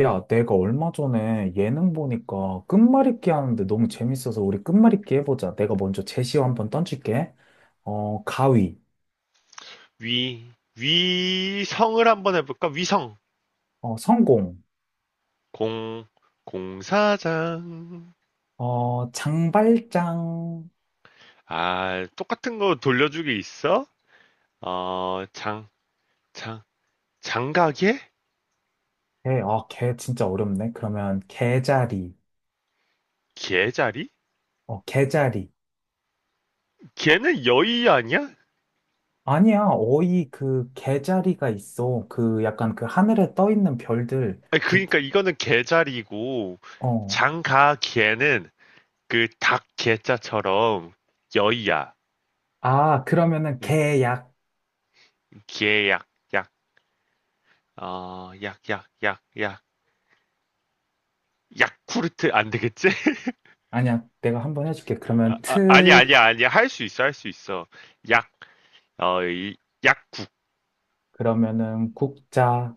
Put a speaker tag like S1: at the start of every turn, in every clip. S1: 야, 내가 얼마 전에 예능 보니까 끝말잇기 하는데 너무 재밌어서 우리 끝말잇기 해보자. 내가 먼저 제시어 한번 던질게. 가위,
S2: 위, 위성을 한번 해볼까? 위성.
S1: 성공,
S2: 공, 공사장.
S1: 장발장.
S2: 아, 똑같은 거 돌려주기 있어? 장, 장, 장가게?
S1: 개, 개 진짜 어렵네. 그러면 개자리,
S2: 개자리?
S1: 개자리.
S2: 개는 여의 아니야?
S1: 아니야, 어이 그 개자리가 있어. 그 약간 그 하늘에 떠 있는 별들.
S2: 아니, 그니까 이거는 개자리고,
S1: 어,
S2: 장가개는 그 닭 개자처럼 여의야.
S1: 그러면은
S2: 예,
S1: 개약.
S2: 개약, 약, 약, 약, 약, 약, 약. 야쿠르트 안 되겠지?
S1: 아니야, 내가 한번 해줄게.
S2: 아,
S1: 그러면
S2: 아, 아니야,
S1: 트,
S2: 아니야, 아니야. 할 수 있어, 할 수 있어. 약, 어, 이, 약국,
S1: 그러면은 국자.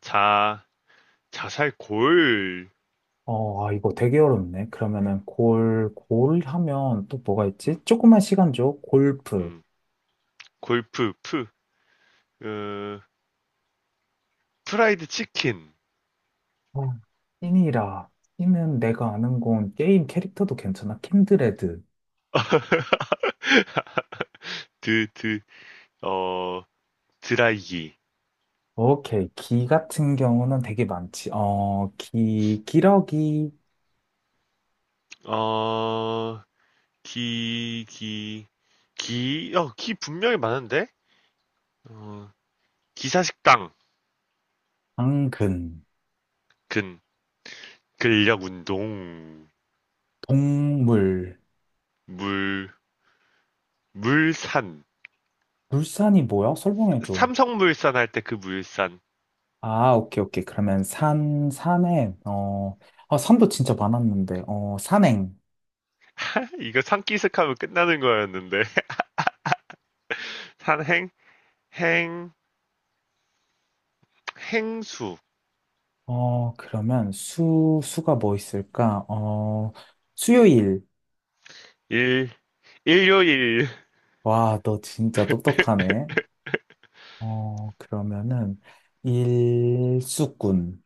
S2: 자, 자살 골,
S1: 이거 되게 어렵네. 그러면은 골, 골 하면 또 뭐가 있지?
S2: 음,
S1: 조그만 시간 줘. 골프.
S2: 음, 골프, 프, 어, 프라이드 치킨,
S1: 아, 찐이라. 찐은 내가 아는 건 게임 캐릭터도 괜찮아. 킨드레드.
S2: 드, 드, 어, 드라이기,
S1: 오케이. 기 같은 경우는 되게 많지. 기러기,
S2: 어, 기, 기, 기, 기 분명히 많은데? 어, 기사식당,
S1: 당근,
S2: 근, 근력 운동,
S1: 동물.
S2: 물, 물산,
S1: 물산이 뭐야? 설명해줘.
S2: 삼성물산 할 때 그 물산,
S1: 아, 오케이, 오케이. 그러면 산, 산행, 산도 진짜 많았는데, 산행.
S2: 이거 산기슭하면 끝나는 거였는데 산행 행 행수
S1: 그러면 수, 수가 뭐 있을까? 수요일.
S2: 일 일요일꾼
S1: 와, 너 진짜 똑똑하네. 그러면은, 일수꾼.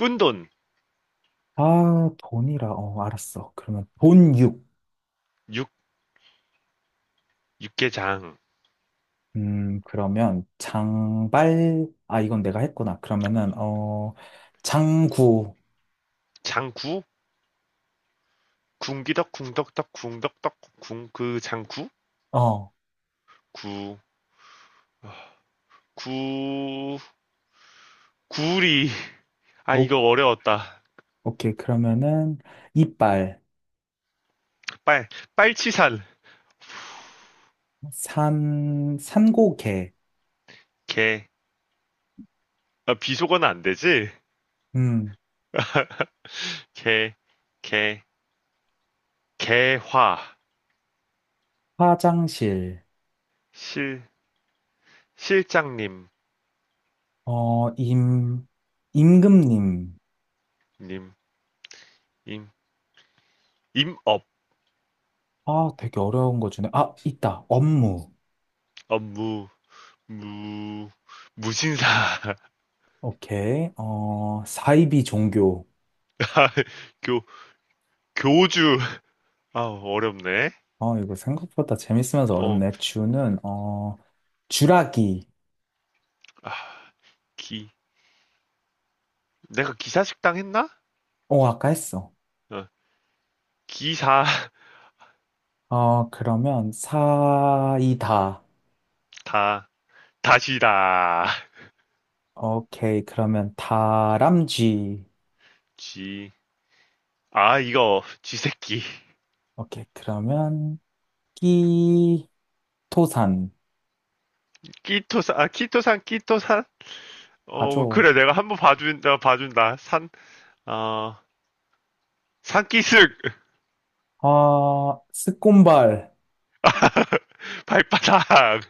S2: 꾼돈
S1: 아, 돈이라. 알았어. 그러면 돈육.
S2: 육 육개장
S1: 그러면 장발. 아, 이건 내가 했구나. 그러면은, 장구.
S2: 장구 궁기덕 궁덕덕 궁덕덕 궁그 장구
S1: 어,
S2: 구구 구리 아
S1: 오,
S2: 이거 어려웠다
S1: 오케이. 그러면은, 이빨.
S2: 빨 빨치산
S1: 산, 산고개.
S2: 개 아, 비속어는 안 되지
S1: 음,
S2: 개개 개화
S1: 화장실.
S2: 실 실장님
S1: 어, 임, 임금님.
S2: 님임 임업
S1: 아, 되게 어려운 거 주네. 아, 있다. 업무.
S2: 업무 무 무신사
S1: 오케이. 사이비 종교.
S2: 교 교주 아 어렵네
S1: 이거 생각보다 재밌으면서 어렵네.
S2: 어
S1: 주는, 주라기.
S2: 기 내가 기사식당 했나
S1: 어, 아까 했어.
S2: 어, 기사
S1: 그러면 사이다.
S2: 다 다시다
S1: 오케이. 그러면 다람쥐.
S2: 지아 이거 지새끼
S1: 오케이. 그러면 끼, 토산.
S2: 끼토산 아 키토산 끼토산
S1: 가
S2: 어
S1: 죠
S2: 그래 내가 한번 봐준다 봐준다 산어 산기슭
S1: 아, 스콘발.
S2: 발바닥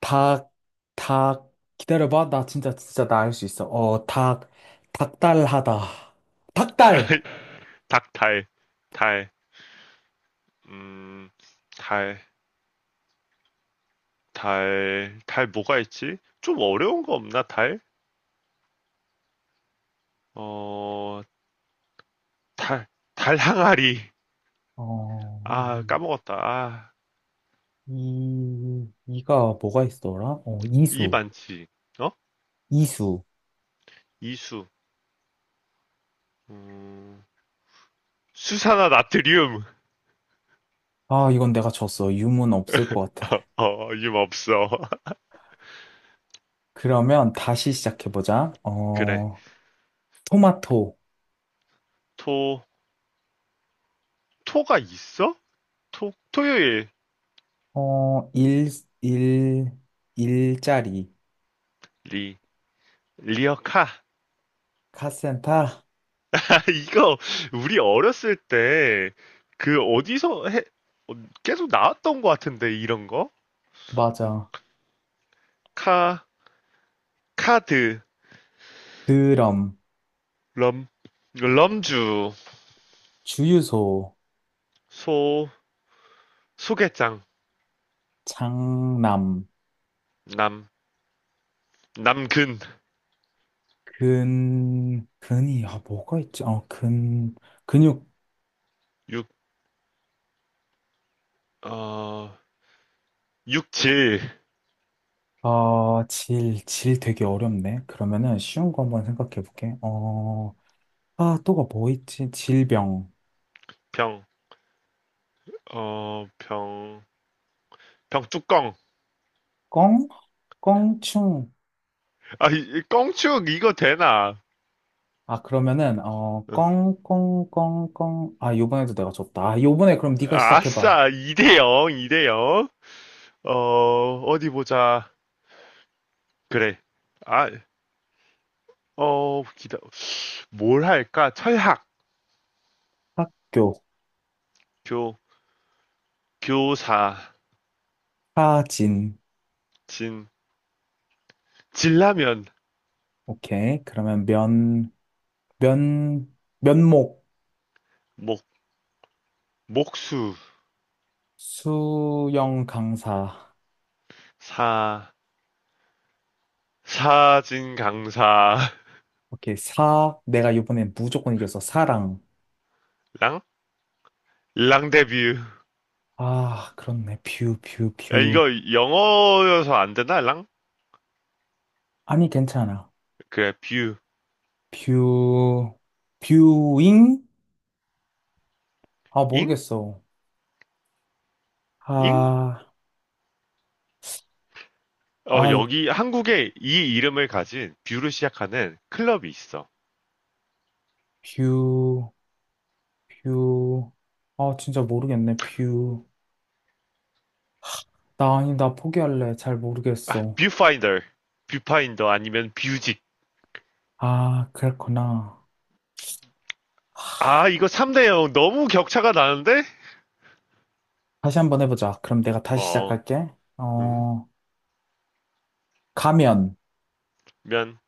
S1: 닭, 닭, 기다려봐. 나 진짜, 나 알 수 있어. 닭달하다. 닭달!
S2: 닭달달음달 달, 달 뭐가 있지? 좀 어려운 거 없나, 달? 어, 달, 달 항아리.
S1: 어,
S2: 아,
S1: 이,
S2: 까먹었다. 아,
S1: 이가 뭐가 있더라?
S2: 이 많지. 어?
S1: 이수.
S2: 이수. 음, 수산화 나트륨.
S1: 아, 이건 내가 졌어. 유문 없을 것 같아.
S2: 임 없어.
S1: 그러면 다시 시작해보자.
S2: 그래.
S1: 토마토.
S2: 토, 토가 있어? 토, 토요일.
S1: 어, 일, 일, 일자리.
S2: 리, 리어카.
S1: 카센터.
S2: 아, 이거, 우리 어렸을 때, 그, 어디서 해, 어, 계속 나왔던 것 같은데, 이런 거?
S1: 맞아.
S2: 카, 카드.
S1: 드럼.
S2: 럼, 럼주,
S1: 주유소.
S2: 소, 소개장,
S1: 장남.
S2: 남, 남근,
S1: 뭐가 있지? 근육,
S2: 육, 어, 육질,
S1: 질 되게 어렵네. 그러면은 쉬운 거 한번 생각해 볼게. 또가 뭐 있지? 질병.
S2: 병, 병, 병뚜껑.
S1: 껑? 껑충.
S2: 아, 이, 껑축, 이거 되나?
S1: 아, 그러면은, 어,
S2: 어,
S1: 껑, 껑, 껑, 껑. 아, 요번에도 내가 줬다. 아, 요번에 그럼 네가 시작해 봐.
S2: 아싸, 2-0, 2-0. 어, 어디 보자. 그래. 아, 어, 기다, 뭘 할까? 철학,
S1: 학교,
S2: 교, 교사,
S1: 사진.
S2: 진, 진라면,
S1: 오케이. 그러면 면목,
S2: 목, 목수,
S1: 수영 강사.
S2: 사, 사진 강사랑
S1: 오케이, 4. 내가 이번엔 무조건 이겼어. 사랑
S2: 랑 데뷔.
S1: 아, 그렇네.
S2: 야
S1: 뷰.
S2: 이거 영어여서 안 되나 랑?
S1: 아니, 괜찮아.
S2: 그래 뷰.
S1: 뷰, 뷰잉? 아,
S2: 잉?
S1: 모르겠어.
S2: 잉?
S1: 아,
S2: 어
S1: 아,
S2: 여기 한국에 이 이름을 가진 뷰를 시작하는 클럽이 있어.
S1: 뷰, 뷰. 아, 진짜 모르겠네. 뷰. 나 아니, 나 포기할래. 잘
S2: 아
S1: 모르겠어.
S2: 뷰파인더. 뷰파인더 아니면 뷰직.
S1: 아, 그랬구나.
S2: 아 이거 3-0 너무 격차가 나는데?
S1: 다시 한번 해보자. 그럼 내가 다시
S2: 어.
S1: 시작할게.
S2: 음.
S1: 어, 가면,
S2: 면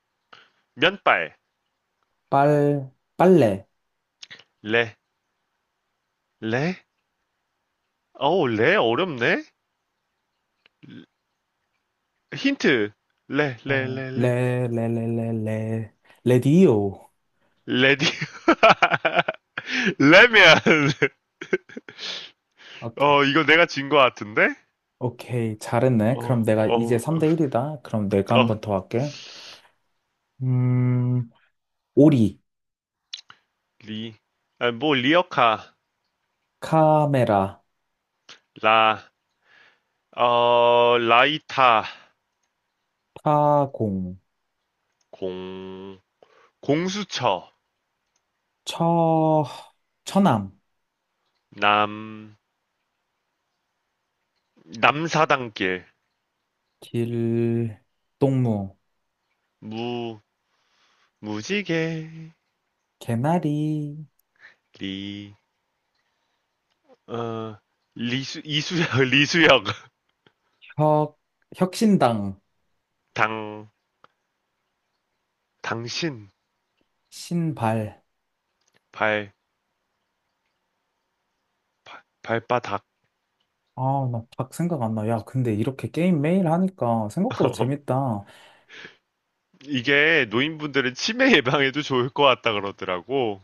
S2: 면발.
S1: 빨, 빨래.
S2: 레. 레. 어우 레 어렵네. 힌트. 레 레
S1: 어,
S2: 레 레.
S1: 레, 레, 레, 레, 레, 레디오.
S2: 레디. 레미안.
S1: 오케이.
S2: 이거 내가 진 거 같은데?
S1: 오케이. 잘했네. 그럼
S2: 어,
S1: 내가 이제
S2: 어,
S1: 3대 1이다. 그럼 내가 한
S2: 어,
S1: 번 더 할게. 음, 오리,
S2: 리. 아, 뭐, 리어카.
S1: 카메라,
S2: 라. 라이타.
S1: 타공,
S2: 공. 공수처.
S1: 처, 처남,
S2: 남. 남사당길.
S1: 길, 동무,
S2: 무. 무지개.
S1: 개나리,
S2: 리. 어, 리수, 이수혁, 리수혁.
S1: 혁, 혁신당,
S2: 당. 당신.
S1: 신발.
S2: 발. 발 발바닥.
S1: 아, 나 딱 생각 안 나. 야, 근데 이렇게 게임 매일 하니까 생각보다 재밌다.
S2: 이게 노인분들은 치매 예방에도 좋을 것 같다 그러더라고.